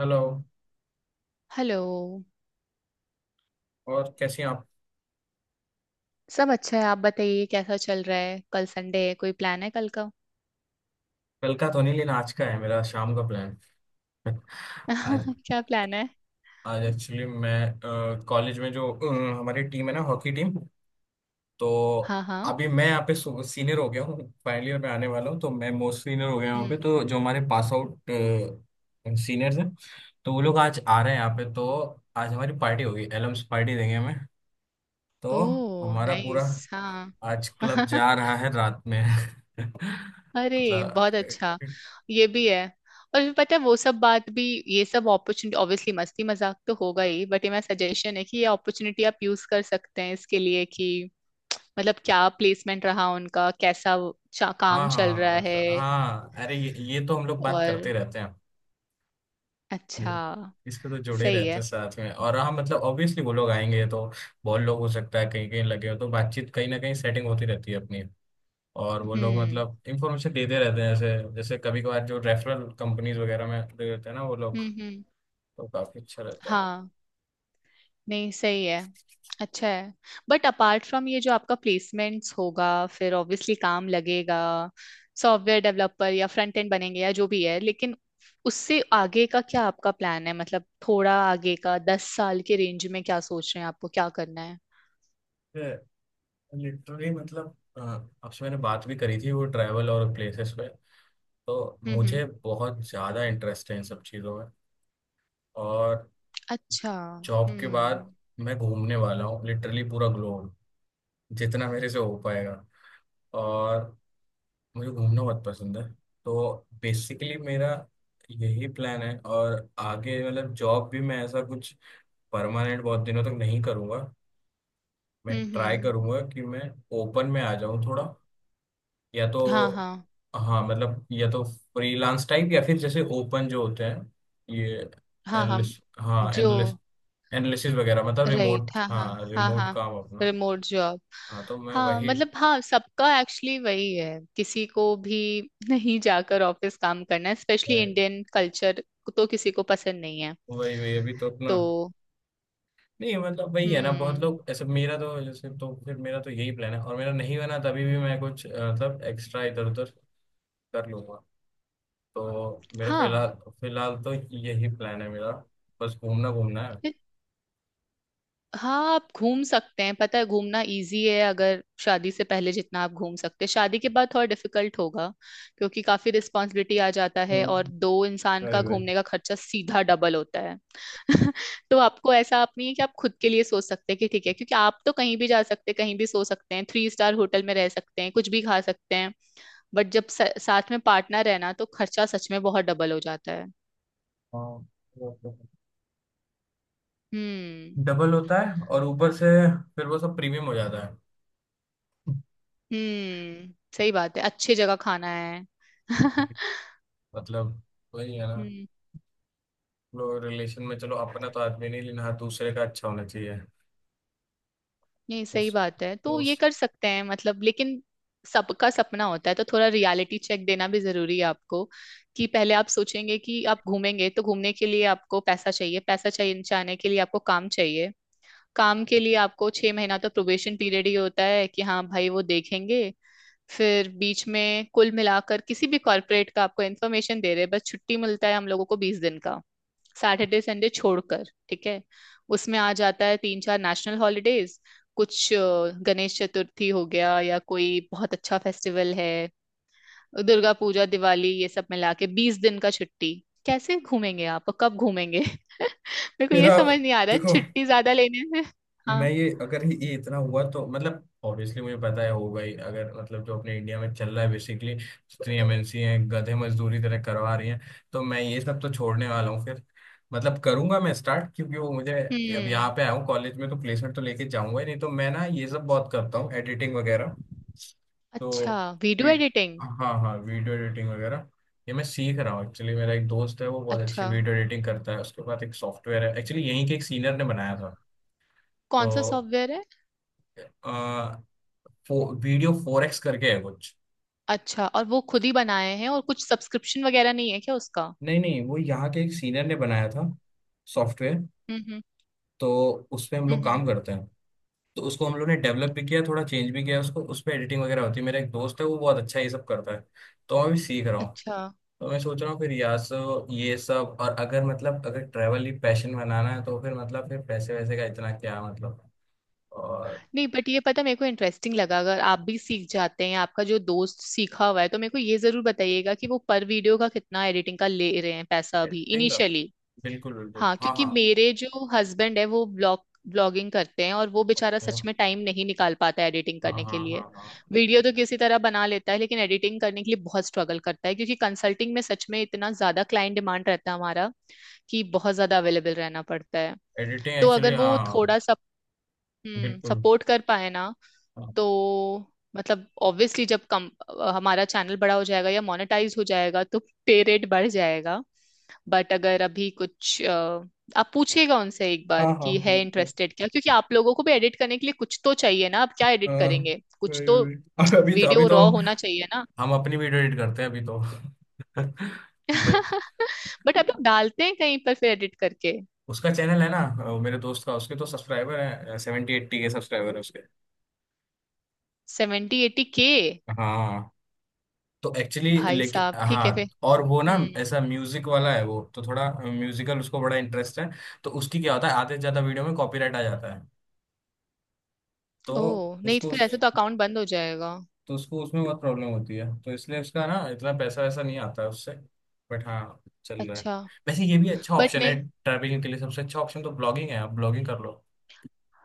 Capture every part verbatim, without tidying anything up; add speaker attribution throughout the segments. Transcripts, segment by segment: Speaker 1: Hello.
Speaker 2: Hello.
Speaker 1: और कैसी हैं आप।
Speaker 2: सब अच्छा है, आप बताइए कैसा चल रहा है। कल संडे है, कोई प्लान है कल का?
Speaker 1: कल का तो नहीं लेना, आज का है मेरा शाम का प्लान। आज
Speaker 2: क्या प्लान है?
Speaker 1: आज एक्चुअली मैं कॉलेज में जो अ, हमारी टीम है ना, हॉकी टीम, तो
Speaker 2: हाँ हाँ।
Speaker 1: अभी मैं यहाँ पे सीनियर हो गया हूँ, फाइनल ईयर में आने वाला हूँ, तो मैं मोस्ट सीनियर हो गया यहाँ पे।
Speaker 2: हम्म।
Speaker 1: तो जो हमारे पास आउट सीनियर्स हैं, तो वो लोग आज आ रहे हैं यहाँ पे। तो आज हमारी पार्टी होगी, एलम्स पार्टी देंगे हमें, तो
Speaker 2: ओह
Speaker 1: हमारा पूरा
Speaker 2: नाइस। हाँ।
Speaker 1: आज क्लब जा रहा है रात में।
Speaker 2: अरे
Speaker 1: मतलब।
Speaker 2: बहुत अच्छा। ये भी है। और फिर पता है वो सब बात भी। ये सब अपॉर्चुनिटी ऑब्वियसली मस्ती मजाक तो होगा ही, बट ये मेरा सजेशन है कि ये अपॉर्चुनिटी आप यूज कर सकते हैं इसके लिए कि मतलब क्या प्लेसमेंट रहा उनका, कैसा वो चा-
Speaker 1: हाँ
Speaker 2: काम चल
Speaker 1: हाँ,
Speaker 2: रहा है।
Speaker 1: मतलब हाँ, अरे ये, ये तो हम लोग बात
Speaker 2: और?
Speaker 1: करते रहते हैं।
Speaker 2: अच्छा।
Speaker 1: ये इस पे तो जुड़े
Speaker 2: सही
Speaker 1: रहते
Speaker 2: है।
Speaker 1: हैं साथ में। और हाँ, मतलब ऑब्वियसली वो लोग आएंगे तो बहुत लोग हो सकता है कहीं कहीं लगे हो, तो बातचीत कहीं ना कहीं सेटिंग होती रहती है अपनी। और वो लोग
Speaker 2: हम्म
Speaker 1: मतलब इंफॉर्मेशन देते रहते हैं, जैसे जैसे कभी कभार जो रेफरल कंपनीज वगैरह में दे देते हैं ना वो लोग,
Speaker 2: हम्म हम्म।
Speaker 1: तो काफी अच्छा रहता
Speaker 2: हाँ। नहीं सही है। अच्छा है। बट अपार्ट फ्रॉम ये जो आपका प्लेसमेंट्स होगा फिर ऑब्वियसली काम लगेगा, सॉफ्टवेयर डेवलपर या फ्रंट एंड बनेंगे या जो भी है, लेकिन उससे आगे का क्या आपका प्लान है? मतलब थोड़ा आगे का, दस साल के रेंज में क्या सोच रहे हैं, आपको क्या करना है?
Speaker 1: है। लिटरली मतलब अ, आपसे मैंने बात भी करी थी वो ट्रैवल और प्लेसेस पे। तो
Speaker 2: हम्म हम्म।
Speaker 1: मुझे बहुत ज्यादा इंटरेस्ट है इन सब चीजों में। और
Speaker 2: अच्छा
Speaker 1: जॉब के बाद
Speaker 2: हम्म।
Speaker 1: मैं घूमने वाला हूँ, लिटरली पूरा ग्लोब, जितना मेरे से हो पाएगा। और मुझे घूमना बहुत पसंद है, तो बेसिकली मेरा यही प्लान है। और आगे मतलब जॉब भी मैं ऐसा कुछ परमानेंट बहुत दिनों तक नहीं करूँगा। मैं
Speaker 2: हम्म
Speaker 1: ट्राई
Speaker 2: हम्म।
Speaker 1: करूँगा कि मैं ओपन में आ जाऊँ थोड़ा, या
Speaker 2: हाँ
Speaker 1: तो,
Speaker 2: हाँ।
Speaker 1: हाँ मतलब या तो फ्रीलांस टाइप, या फिर जैसे ओपन जो होते हैं, ये
Speaker 2: हाँ हम
Speaker 1: एनालिस्ट, हाँ
Speaker 2: जो,
Speaker 1: एनालिस्ट, एनालिसिस वगैरह, मतलब
Speaker 2: राइट।
Speaker 1: रिमोट,
Speaker 2: हाँ हाँ।
Speaker 1: हाँ
Speaker 2: हाँ
Speaker 1: रिमोट
Speaker 2: हाँ।
Speaker 1: काम अपना।
Speaker 2: Remote job.
Speaker 1: हाँ, तो मैं
Speaker 2: हाँ
Speaker 1: वही।
Speaker 2: मतलब हाँ, सबका एक्चुअली वही है, किसी को भी नहीं जाकर ऑफिस काम करना है, स्पेशली
Speaker 1: वही
Speaker 2: इंडियन कल्चर तो किसी को पसंद नहीं है।
Speaker 1: वही अभी तो अपना,
Speaker 2: तो।
Speaker 1: नहीं मतलब वही है ना, बहुत
Speaker 2: हम्म।
Speaker 1: लोग ऐसे मेरा तो जैसे, तो फिर मेरा तो यही प्लान है। और मेरा नहीं बना तभी भी मैं कुछ अ, मतलब एक्स्ट्रा इधर उधर कर लूंगा। तो मेरा
Speaker 2: हाँ
Speaker 1: फिलहाल, फिलहाल तो यही प्लान है मेरा, बस घूमना घूमना है।
Speaker 2: हाँ, आप घूम सकते हैं। पता है घूमना इजी है अगर शादी से पहले जितना आप घूम सकते हैं, शादी के बाद थोड़ा डिफिकल्ट होगा क्योंकि काफी रिस्पॉन्सिबिलिटी आ जाता है और
Speaker 1: हम्म।
Speaker 2: दो इंसान
Speaker 1: वही
Speaker 2: का
Speaker 1: वही
Speaker 2: घूमने का खर्चा सीधा डबल होता है। तो आपको ऐसा आप नहीं है कि आप खुद के लिए सोच सकते हैं कि ठीक है, क्योंकि आप तो कहीं भी जा सकते हैं, कहीं भी सो सकते हैं, थ्री स्टार होटल में रह सकते हैं, कुछ भी खा सकते हैं, बट जब स- साथ में पार्टनर है ना तो खर्चा सच में बहुत डबल हो जाता है।
Speaker 1: हाँ वो तो है।
Speaker 2: हम्म
Speaker 1: डबल होता है, और ऊपर से फिर वो सब प्रीमियम हो जाता
Speaker 2: हम्म सही बात है, अच्छी जगह खाना है।
Speaker 1: है। मतलब वही है ना,
Speaker 2: हम्म।
Speaker 1: लोग रिलेशन में चलो अपना तो आदमी नहीं लेना, दूसरे का अच्छा होना चाहिए।
Speaker 2: नहीं सही
Speaker 1: उस
Speaker 2: बात है, तो ये
Speaker 1: उस
Speaker 2: कर सकते हैं मतलब, लेकिन सबका सपना होता है, तो थोड़ा रियलिटी चेक देना भी जरूरी है आपको कि पहले आप सोचेंगे कि आप घूमेंगे, तो घूमने के लिए आपको पैसा चाहिए, पैसा चाहिए जाने के लिए, आपको काम चाहिए, काम के लिए आपको छह महीना तो प्रोबेशन पीरियड ही होता है कि हाँ भाई वो देखेंगे। फिर बीच में कुल मिलाकर किसी भी कॉर्पोरेट का आपको इन्फॉर्मेशन दे रहे हैं, बस छुट्टी मिलता है हम लोगों को बीस दिन का, सैटरडे संडे छोड़कर। ठीक है, उसमें आ जाता है तीन चार नेशनल हॉलीडेज, कुछ अ, गणेश चतुर्थी हो गया या कोई बहुत अच्छा फेस्टिवल है, दुर्गा पूजा, दिवाली, ये सब मिला के बीस दिन का छुट्टी। कैसे घूमेंगे आप और कब घूमेंगे? मेरे को ये
Speaker 1: मेरा
Speaker 2: समझ नहीं आ रहा है
Speaker 1: देखो,
Speaker 2: छुट्टी ज्यादा लेने से।
Speaker 1: मैं
Speaker 2: हाँ।
Speaker 1: ये अगर ये ये इतना हुआ तो मतलब ऑब्वियसली मुझे पता है होगा ही, अगर मतलब जो अपने इंडिया में चल रहा है बेसिकली, जितनी एमएनसी हैं गधे मजदूरी तरह करवा रही हैं। तो मैं ये सब तो छोड़ने वाला हूँ फिर। मतलब करूंगा मैं स्टार्ट, क्योंकि वो मुझे, अब यहाँ
Speaker 2: हम्म।
Speaker 1: पे आया हूँ कॉलेज में तो प्लेसमेंट तो लेके जाऊंगा ही, नहीं तो मैं ना ये सब बहुत करता हूँ एडिटिंग वगैरह।
Speaker 2: अच्छा।
Speaker 1: तो
Speaker 2: वीडियो
Speaker 1: वी-
Speaker 2: एडिटिंग।
Speaker 1: हाँ हाँ, वीडियो एडिटिंग वगैरह। ये मैं सीख रहा हूँ एक्चुअली, मेरा एक दोस्त है वो बहुत अच्छी
Speaker 2: अच्छा,
Speaker 1: वीडियो एडिटिंग करता है। उसके बाद एक सॉफ्टवेयर है एक्चुअली, यहीं के एक सीनियर ने बनाया था।
Speaker 2: कौन सा
Speaker 1: तो
Speaker 2: सॉफ्टवेयर है?
Speaker 1: आ, फो, वीडियो फोर एक्स करके है कुछ।
Speaker 2: अच्छा, और वो खुद ही बनाए हैं और कुछ सब्सक्रिप्शन वगैरह नहीं है क्या उसका?
Speaker 1: नहीं नहीं, वो यहाँ के एक सीनियर ने बनाया था सॉफ्टवेयर,
Speaker 2: हम्म हम्म।
Speaker 1: तो उस पे हम
Speaker 2: हम्म
Speaker 1: लोग
Speaker 2: हम्म,
Speaker 1: काम करते हैं। तो उसको हम लोग ने डेवलप भी किया, थोड़ा चेंज भी किया उसको, उस पे एडिटिंग वगैरह होती है। मेरा एक दोस्त है वो बहुत अच्छा ये सब करता है, तो मैं भी सीख रहा हूँ।
Speaker 2: अच्छा।
Speaker 1: तो मैं सोच रहा हूँ फिर यहाँ से ये सब, और अगर मतलब अगर ट्रैवल ही पैशन बनाना है तो फिर मतलब फिर पैसे वैसे का इतना क्या मतलब। और
Speaker 2: नहीं बट ये पता, मेरे को इंटरेस्टिंग लगा, अगर आप भी सीख जाते हैं, आपका जो दोस्त सीखा हुआ है, तो मेरे को ये जरूर बताइएगा कि वो पर वीडियो का कितना एडिटिंग का ले रहे हैं पैसा, अभी
Speaker 1: एडिटिंग का
Speaker 2: इनिशियली।
Speaker 1: बिल्कुल बिल्कुल,
Speaker 2: हाँ,
Speaker 1: हाँ
Speaker 2: क्योंकि
Speaker 1: हाँ।
Speaker 2: मेरे जो हस्बैंड है वो ब्लॉग ब्लॉगिंग करते हैं, और वो बेचारा
Speaker 1: ओके,
Speaker 2: सच में टाइम नहीं निकाल पाता है एडिटिंग
Speaker 1: हाँ
Speaker 2: करने
Speaker 1: हाँ
Speaker 2: के लिए।
Speaker 1: हाँ हाँ।
Speaker 2: वीडियो तो किसी तरह बना लेता है, लेकिन एडिटिंग करने के लिए बहुत स्ट्रगल करता है, क्योंकि कंसल्टिंग में सच में इतना ज्यादा क्लाइंट डिमांड रहता है हमारा कि बहुत ज्यादा अवेलेबल रहना पड़ता है।
Speaker 1: एडिटिंग
Speaker 2: तो
Speaker 1: एक्चुअली
Speaker 2: अगर वो
Speaker 1: हाँ।
Speaker 2: थोड़ा सा हम्म
Speaker 1: बिल्कुल,
Speaker 2: सपोर्ट कर पाए ना,
Speaker 1: हाँ।
Speaker 2: तो मतलब ऑब्वियसली जब कम अ, हमारा चैनल बड़ा हो जाएगा या मोनेटाइज हो जाएगा, तो पे रेट बढ़ जाएगा। बट अगर अभी कुछ अ, आप पूछिएगा उनसे एक
Speaker 1: हाँ
Speaker 2: बार
Speaker 1: हाँ,
Speaker 2: कि है
Speaker 1: बिल्कुल।
Speaker 2: इंटरेस्टेड क्या, क्योंकि आप लोगों को भी एडिट करने के लिए कुछ तो चाहिए ना, आप क्या एडिट
Speaker 1: हाँ,
Speaker 2: करेंगे, कुछ
Speaker 1: वही
Speaker 2: तो
Speaker 1: वही अब अभी तो अभी
Speaker 2: वीडियो
Speaker 1: तो
Speaker 2: रॉ होना चाहिए ना।
Speaker 1: हम अपनी वीडियो एडिट करते हैं अभी तो। बट
Speaker 2: बट आप लोग डालते हैं कहीं पर फिर एडिट करके?
Speaker 1: उसका चैनल है ना, अ, मेरे दोस्त का, उसके तो सब्सक्राइबर है, सेवेंटी एट्टी के सब्सक्राइबर है उसके।
Speaker 2: Seventy eighty K?
Speaker 1: हाँ, तो एक्चुअली
Speaker 2: भाई
Speaker 1: लेकिन
Speaker 2: साहब ठीक है फिर।
Speaker 1: हाँ, और वो ना
Speaker 2: हम्म।
Speaker 1: ऐसा म्यूजिक वाला है वो, तो थोड़ा म्यूजिकल उसको बड़ा इंटरेस्ट है। तो उसकी क्या होता है, आधे से ज्यादा वीडियो में कॉपीराइट आ जाता है। तो
Speaker 2: ओह नहीं, तो
Speaker 1: उसको,
Speaker 2: फिर ऐसे तो अकाउंट बंद हो जाएगा।
Speaker 1: तो उसको उसमें बहुत प्रॉब्लम होती है, तो इसलिए उसका ना इतना पैसा वैसा नहीं आता है उससे। बट हाँ चल रहा है।
Speaker 2: अच्छा।
Speaker 1: वैसे ये भी अच्छा
Speaker 2: बट
Speaker 1: ऑप्शन है,
Speaker 2: नहीं।
Speaker 1: ट्रैवलिंग के लिए सबसे अच्छा ऑप्शन तो ब्लॉगिंग है, आप ब्लॉगिंग कर लो।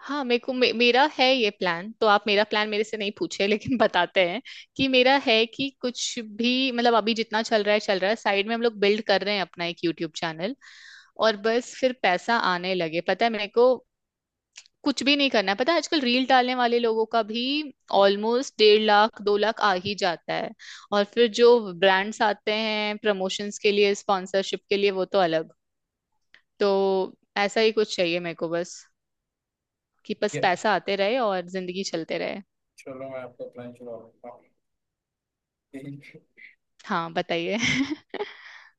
Speaker 2: हाँ मेरे को मे, मेरा है ये प्लान, तो आप मेरा प्लान मेरे से नहीं पूछे लेकिन बताते हैं कि मेरा है कि कुछ भी मतलब, अभी जितना चल रहा है चल रहा है, साइड में हम लोग बिल्ड कर रहे हैं अपना एक यूट्यूब चैनल, और बस फिर पैसा आने लगे, पता है मेरे को कुछ भी नहीं करना है। पता है आजकल रील डालने वाले लोगों का भी ऑलमोस्ट डेढ़ लाख दो लाख आ ही जाता है, और फिर जो ब्रांड्स आते हैं प्रमोशंस के लिए, स्पॉन्सरशिप के लिए, वो तो अलग। तो ऐसा ही कुछ चाहिए मेरे को, बस कि बस
Speaker 1: ये,
Speaker 2: पैसा आते रहे और जिंदगी चलते रहे।
Speaker 1: चलो मैं आपको प्लान चुरा लेता हूँ।
Speaker 2: हाँ बताइए।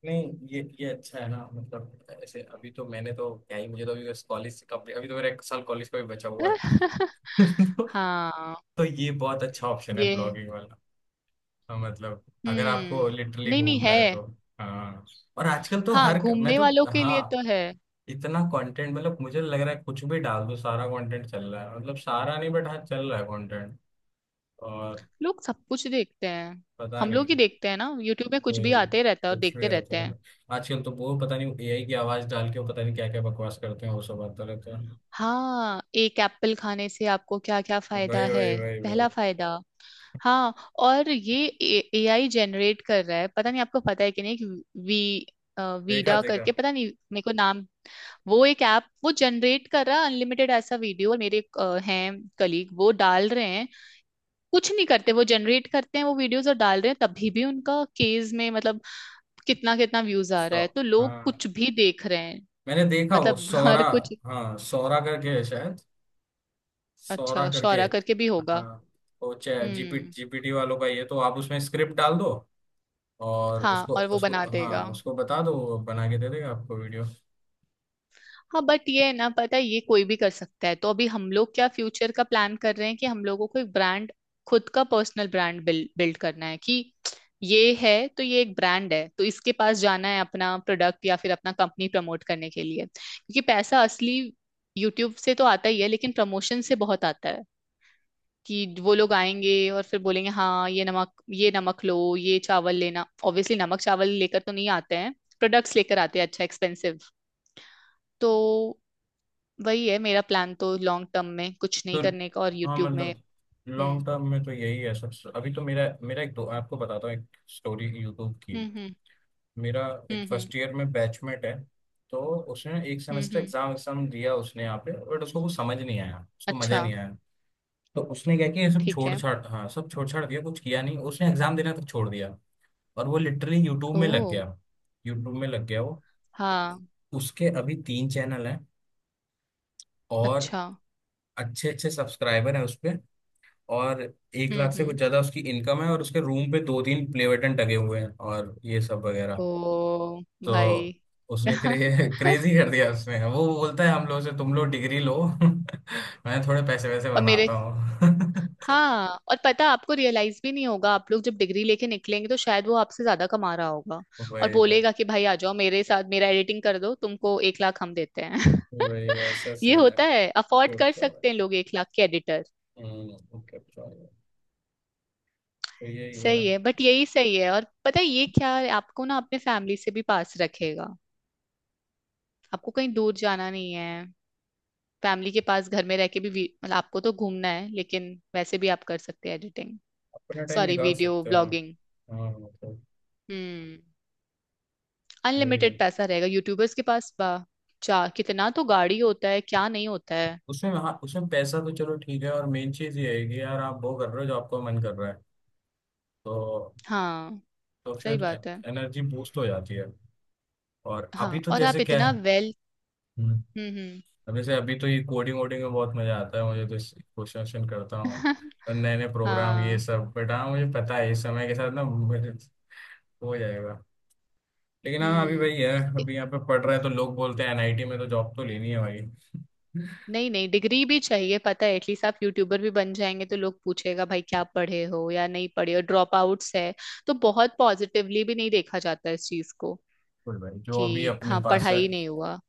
Speaker 1: नहीं ये ये अच्छा है ना मतलब, ऐसे अभी तो मैंने तो क्या ही, मुझे तो अभी कॉलेज से कम्प्लीट, अभी तो मेरा एक साल कॉलेज का भी बचा हुआ है।
Speaker 2: हाँ
Speaker 1: तो ये बहुत अच्छा ऑप्शन है
Speaker 2: ये है।
Speaker 1: ब्लॉगिंग वाला। हाँ, मतलब अगर आपको
Speaker 2: हम्म।
Speaker 1: लिटरली
Speaker 2: नहीं नहीं
Speaker 1: घूमना
Speaker 2: है।
Speaker 1: है तो हाँ। और आजकल तो
Speaker 2: हाँ,
Speaker 1: हर, मैं
Speaker 2: घूमने
Speaker 1: तो,
Speaker 2: वालों के
Speaker 1: हाँ
Speaker 2: लिए तो है।
Speaker 1: इतना कंटेंट मतलब, मुझे लग रहा है कुछ भी डाल दो सारा कंटेंट चल रहा है, मतलब सारा नहीं बट हाँ चल रहा है कंटेंट। और
Speaker 2: लोग सब कुछ देखते हैं।
Speaker 1: पता
Speaker 2: हम
Speaker 1: नहीं,
Speaker 2: लोग ही देखते हैं ना, यूट्यूब में कुछ भी
Speaker 1: कोई
Speaker 2: आते रहता है और
Speaker 1: कुछ भी
Speaker 2: देखते रहते
Speaker 1: आता है
Speaker 2: हैं।
Speaker 1: तो। आजकल तो वो पता नहीं एआई की आवाज डाल के वो पता नहीं क्या क्या बकवास करते हैं, वो सब आता रहता है।
Speaker 2: हाँ, एक एप्पल खाने से आपको क्या क्या फायदा
Speaker 1: वही
Speaker 2: है,
Speaker 1: वही वही वही
Speaker 2: पहला फायदा। हाँ। और ये ए आई जनरेट कर रहा है, पता नहीं आपको पता है कि नहीं, एक वी अ,
Speaker 1: देखा
Speaker 2: वीडा
Speaker 1: देखा।
Speaker 2: करके, पता नहीं मेरे को नाम, वो एक ऐप वो जनरेट कर रहा है अनलिमिटेड ऐसा वीडियो, और मेरे एक, अ, हैं कलीग, वो डाल रहे हैं, कुछ नहीं करते, वो जनरेट करते हैं वो वीडियोस और डाल रहे हैं, तभी भी उनका केस में मतलब कितना कितना व्यूज आ रहा
Speaker 1: सौ
Speaker 2: है, तो लोग
Speaker 1: हाँ
Speaker 2: कुछ भी देख रहे हैं
Speaker 1: मैंने देखा वो
Speaker 2: मतलब
Speaker 1: सौरा,
Speaker 2: हर कुछ।
Speaker 1: हाँ सौरा करके है शायद, सौरा
Speaker 2: अच्छा,
Speaker 1: करके।
Speaker 2: शौरा करके भी होगा।
Speaker 1: हाँ वो चैट जीपी
Speaker 2: हम्म।
Speaker 1: जीपीटी वालों का। ये तो आप उसमें स्क्रिप्ट डाल दो, और
Speaker 2: हाँ
Speaker 1: उसको
Speaker 2: और वो
Speaker 1: उसको
Speaker 2: बना देगा।
Speaker 1: हाँ उसको बता दो, वो बना के दे देगा आपको वीडियो।
Speaker 2: हाँ, बट ये है ना, पता है ये कोई भी कर सकता है, तो अभी हम लोग क्या फ्यूचर का प्लान कर रहे हैं कि हम लोगों को एक ब्रांड, खुद का पर्सनल ब्रांड बिल्ड बिल्ड करना है कि ये है, तो ये एक ब्रांड है, तो इसके पास जाना है अपना प्रोडक्ट या फिर अपना कंपनी प्रमोट करने के लिए, क्योंकि पैसा असली यूट्यूब से तो आता ही है, लेकिन प्रमोशन से बहुत आता है कि वो लोग आएंगे और फिर बोलेंगे हाँ ये नमक, ये नमक लो, ये चावल लेना, ऑब्वियसली नमक चावल लेकर तो नहीं आते हैं, प्रोडक्ट्स लेकर आते हैं, अच्छा एक्सपेंसिव। तो वही है मेरा प्लान, तो लॉन्ग टर्म में कुछ नहीं
Speaker 1: तो
Speaker 2: करने का और
Speaker 1: हाँ
Speaker 2: यूट्यूब में।
Speaker 1: मतलब,
Speaker 2: हम्म
Speaker 1: लॉन्ग टर्म में तो यही है सबसे। अभी तो मेरा मेरा एक दो आपको बताता हूँ एक स्टोरी यूट्यूब की।
Speaker 2: हम्म हम्म
Speaker 1: मेरा एक
Speaker 2: हम्म हम्म
Speaker 1: फर्स्ट ईयर में बैचमेट है। तो उसने एक
Speaker 2: हम्म
Speaker 1: सेमेस्टर
Speaker 2: हम्म,
Speaker 1: एग्जाम एग्जाम दिया उसने यहाँ पे, बट उसको कुछ समझ नहीं आया, उसको मजा
Speaker 2: अच्छा।
Speaker 1: नहीं आया। तो उसने क्या किया, ये सब
Speaker 2: ठीक
Speaker 1: छोड़
Speaker 2: है।
Speaker 1: छाड़, हाँ सब छोड़ छाड़ दिया, कुछ किया नहीं, उसने एग्जाम देना तक छोड़ दिया। और वो लिटरली यूट्यूब
Speaker 2: ओ।
Speaker 1: में लग गया, यूट्यूब में लग गया वो।
Speaker 2: हाँ।
Speaker 1: उसके अभी तीन चैनल हैं, और
Speaker 2: अच्छा।
Speaker 1: अच्छे अच्छे सब्सक्राइबर हैं उस पे। और एक
Speaker 2: हम्म
Speaker 1: लाख से कुछ
Speaker 2: हम्म।
Speaker 1: ज्यादा उसकी इनकम है, और उसके रूम पे दो तीन प्ले बटन टंगे हुए हैं और ये सब वगैरह।
Speaker 2: ओ।
Speaker 1: तो
Speaker 2: भाई।
Speaker 1: उसने क्रे, क्रेजी कर दिया उसने। वो बोलता है हम लोग से, तुम लोग डिग्री लो, मैं थोड़े पैसे वैसे
Speaker 2: और मेरे।
Speaker 1: बनाता हूँ।
Speaker 2: हाँ और पता है, आपको रियलाइज भी नहीं होगा, आप लोग जब डिग्री लेके निकलेंगे तो शायद वो आपसे ज्यादा कमा रहा होगा, और
Speaker 1: वही वही
Speaker 2: बोलेगा कि भाई आ जाओ मेरे साथ, मेरा एडिटिंग कर दो, तुमको एक लाख हम देते हैं।
Speaker 1: वही वैसा
Speaker 2: ये
Speaker 1: सीन है
Speaker 2: होता है, अफोर्ड
Speaker 1: फिर
Speaker 2: कर
Speaker 1: तो।
Speaker 2: सकते हैं लोग एक लाख के एडिटर।
Speaker 1: हम्म, ओके तो यही है।
Speaker 2: सही है, बट यही सही है। और पता है ये क्या है, आपको ना अपने फैमिली से भी पास रखेगा, आपको कहीं दूर जाना नहीं है, फैमिली के पास घर में रह के भी वी- मतलब आपको तो घूमना है लेकिन वैसे भी आप कर सकते हैं एडिटिंग,
Speaker 1: अपना टाइम
Speaker 2: सॉरी
Speaker 1: निकाल
Speaker 2: वीडियो
Speaker 1: सकते हो ना।
Speaker 2: ब्लॉगिंग।
Speaker 1: हाँ मतलब
Speaker 2: हम्म।
Speaker 1: वही
Speaker 2: अनलिमिटेड
Speaker 1: है।
Speaker 2: पैसा रहेगा यूट्यूबर्स के पास, वाह। चार कितना तो गाड़ी होता है क्या, नहीं होता है?
Speaker 1: उसमें हाँ उसमें पैसा तो चलो ठीक है, और मेन चीज ये है कि यार आप वो कर रहे हो जो आपको मन कर रहा है। तो
Speaker 2: हाँ
Speaker 1: तो
Speaker 2: सही
Speaker 1: फिर
Speaker 2: बात है।
Speaker 1: एनर्जी बूस्ट हो जाती है। और अभी
Speaker 2: हाँ
Speaker 1: तो
Speaker 2: और आप
Speaker 1: जैसे क्या
Speaker 2: इतना
Speaker 1: है,
Speaker 2: वेल।
Speaker 1: हम्म,
Speaker 2: हम्म
Speaker 1: अब जैसे अभी तो ये कोडिंग वोडिंग में बहुत मजा आता है मुझे तो, इस- क्वेश्चन वोश्चन करता हूँ
Speaker 2: हम्म।
Speaker 1: और नए नए प्रोग्राम ये
Speaker 2: हाँ।
Speaker 1: सब। बट हाँ मुझे पता है इस समय के साथ ना मुझे हो जाएगा। लेकिन हाँ अभी
Speaker 2: हम्म।
Speaker 1: वही है, अभी यहाँ पे पढ़ रहा है तो लोग बोलते हैं एनआईटी में तो जॉब तो लेनी है भाई। बिल्कुल।
Speaker 2: नहीं नहीं, डिग्री भी चाहिए, पता है एटलीस्ट। आप यूट्यूबर भी बन जाएंगे तो लोग पूछेगा भाई क्या पढ़े हो या नहीं पढ़े हो, ड्रॉप आउट्स है, तो बहुत पॉजिटिवली भी नहीं देखा जाता है इस चीज को
Speaker 1: भाई जो अभी
Speaker 2: कि
Speaker 1: अपने
Speaker 2: हाँ
Speaker 1: पास है,
Speaker 2: पढ़ाई नहीं हुआ।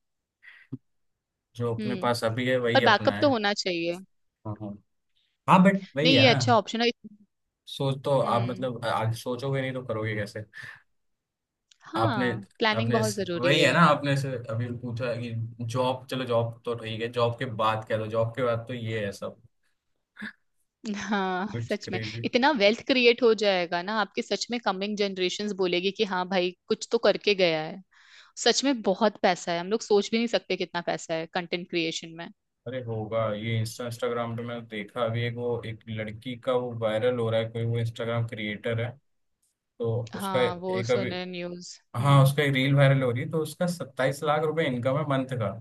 Speaker 1: जो अपने
Speaker 2: हम्म,
Speaker 1: पास अभी है
Speaker 2: और
Speaker 1: वही अपना
Speaker 2: बैकअप तो
Speaker 1: है।
Speaker 2: होना चाहिए।
Speaker 1: हाँ हाँ, हाँ बट वही
Speaker 2: नहीं
Speaker 1: है
Speaker 2: ये
Speaker 1: ना,
Speaker 2: अच्छा ऑप्शन है।
Speaker 1: सोच तो आप
Speaker 2: हम्म।
Speaker 1: मतलब आज सोचोगे नहीं तो करोगे कैसे। आपने
Speaker 2: हाँ, प्लानिंग
Speaker 1: आपने
Speaker 2: बहुत जरूरी
Speaker 1: वही है ना
Speaker 2: है।
Speaker 1: आपने से अभी पूछा कि जॉब, चलो जॉब तो ठीक है, जॉब के बाद क्या, तो जॉब के बाद तो ये है सब,
Speaker 2: हाँ
Speaker 1: कुछ
Speaker 2: सच में,
Speaker 1: क्रेजी।
Speaker 2: इतना वेल्थ क्रिएट हो जाएगा ना आपके, सच में कमिंग जनरेशंस बोलेगी कि हाँ भाई कुछ तो करके गया है। सच में बहुत पैसा है, हम लोग सोच भी नहीं सकते कितना पैसा है कंटेंट क्रिएशन में।
Speaker 1: अरे होगा, ये इंस्टा इंस्टाग्राम पे मैंने देखा अभी, एक वो एक लड़की का वो वायरल हो रहा है, कोई वो इंस्टाग्राम क्रिएटर है। तो उसका
Speaker 2: हाँ वो
Speaker 1: एक अभी
Speaker 2: सुने न्यूज।
Speaker 1: हाँ
Speaker 2: हम्म।
Speaker 1: उसका एक रील वायरल हो रही है, तो उसका सत्ताईस लाख रुपए इनकम है मंथ का।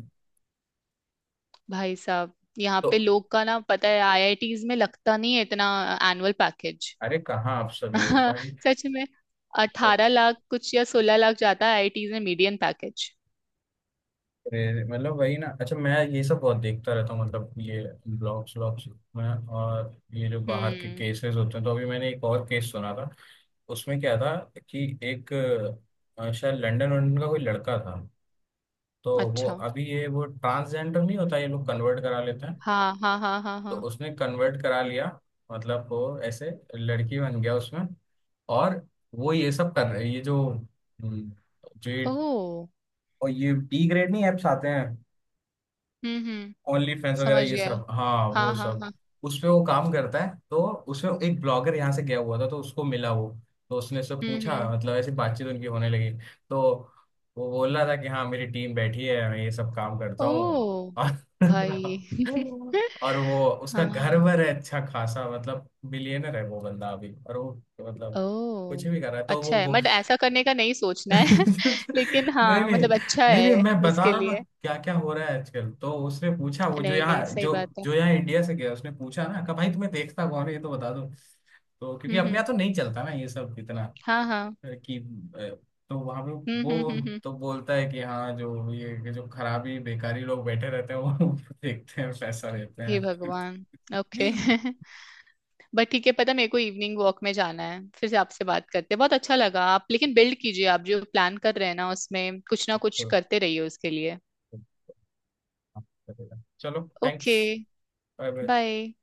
Speaker 2: भाई साहब यहाँ
Speaker 1: तो
Speaker 2: पे लोग का ना, पता है आई आई टीज में लगता नहीं है इतना एनुअल पैकेज।
Speaker 1: अरे कहाँ, आप सब ये भाई।
Speaker 2: सच में। अठारह लाख कुछ या सोलह लाख जाता है आई आई टीज में मीडियन पैकेज।
Speaker 1: अरे, मतलब वही ना, अच्छा मैं ये सब बहुत देखता रहता हूँ मतलब ये ब्लॉग्स व्लॉग्स में और ये जो बाहर के
Speaker 2: हम्म।
Speaker 1: केसेस होते हैं। तो अभी मैंने एक और केस सुना था, उसमें क्या था कि एक अ, शायद लंदन वंदन का कोई लड़का था, तो वो
Speaker 2: अच्छा।
Speaker 1: अभी ये वो ट्रांसजेंडर नहीं होता, ये लोग कन्वर्ट करा लेते हैं।
Speaker 2: हाँ हाँ हाँ हाँ
Speaker 1: तो
Speaker 2: हाँ।
Speaker 1: उसने कन्वर्ट करा लिया, मतलब वो ऐसे लड़की बन गया उसमें। और वो ये सब कर रहे, ये जो हम्म, जो ये-
Speaker 2: ओ।
Speaker 1: और ये डी ग्रेड नहीं एप्स आते हैं,
Speaker 2: हम्म हम्म।
Speaker 1: ओनली फैंस वगैरह
Speaker 2: समझ
Speaker 1: ये
Speaker 2: गया।
Speaker 1: सब, हाँ
Speaker 2: हाँ
Speaker 1: वो
Speaker 2: हाँ
Speaker 1: सब।
Speaker 2: हाँ।
Speaker 1: उसपे वो काम करता है। तो उसमें एक ब्लॉगर यहाँ से गया हुआ था, तो उसको मिला वो। तो उसने उससे
Speaker 2: हम्म
Speaker 1: पूछा,
Speaker 2: हम्म।
Speaker 1: मतलब ऐसी बातचीत उनकी होने लगी, तो वो बोल रहा था कि हाँ मेरी टीम बैठी है मैं ये सब काम करता हूँ।
Speaker 2: ओ। भाई।
Speaker 1: और और वो उसका घर
Speaker 2: हाँ।
Speaker 1: वर है अच्छा खासा, मतलब बिलियनर है वो बंदा अभी। और वो मतलब
Speaker 2: ओ।
Speaker 1: कुछ भी कर रहा है तो वो
Speaker 2: अच्छा है,
Speaker 1: वो।
Speaker 2: बट ऐसा करने का नहीं सोचना है, लेकिन
Speaker 1: नहीं
Speaker 2: हाँ
Speaker 1: नहीं
Speaker 2: मतलब अच्छा
Speaker 1: नहीं नहीं,
Speaker 2: है
Speaker 1: मैं बता
Speaker 2: उसके
Speaker 1: रहा हूँ ना
Speaker 2: लिए।
Speaker 1: क्या क्या हो रहा है आजकल। तो उसने पूछा, वो जो
Speaker 2: नहीं नहीं
Speaker 1: यहाँ
Speaker 2: सही
Speaker 1: जो
Speaker 2: बात है।
Speaker 1: जो यहाँ इंडिया से गया, उसने पूछा ना, कहा भाई तुम्हें देखता कौन है ये तो बता दो, तो क्योंकि
Speaker 2: हम्म
Speaker 1: अपने
Speaker 2: हम्म।
Speaker 1: यहाँ तो नहीं चलता ना ये सब इतना,
Speaker 2: हाँ हाँ।
Speaker 1: अ, कि अ, तो वहां पे
Speaker 2: हम्म हम्म हम्म
Speaker 1: वो
Speaker 2: हम्म।
Speaker 1: तो बोलता है कि हाँ जो ये ये जो खराबी बेकारी लोग बैठे रहते हैं वो देखते हैं पैसा देते
Speaker 2: हे
Speaker 1: हैं।
Speaker 2: भगवान। ओके। बट ठीक है, पता मेरे को इवनिंग वॉक में जाना है, फिर से आपसे बात करते हैं, बहुत अच्छा लगा आप, लेकिन बिल्ड कीजिए आप जो प्लान कर रहे हैं ना, उसमें कुछ ना कुछ करते रहिए उसके लिए।
Speaker 1: चलो thanks.
Speaker 2: Okay.
Speaker 1: Bye bye.
Speaker 2: Bye.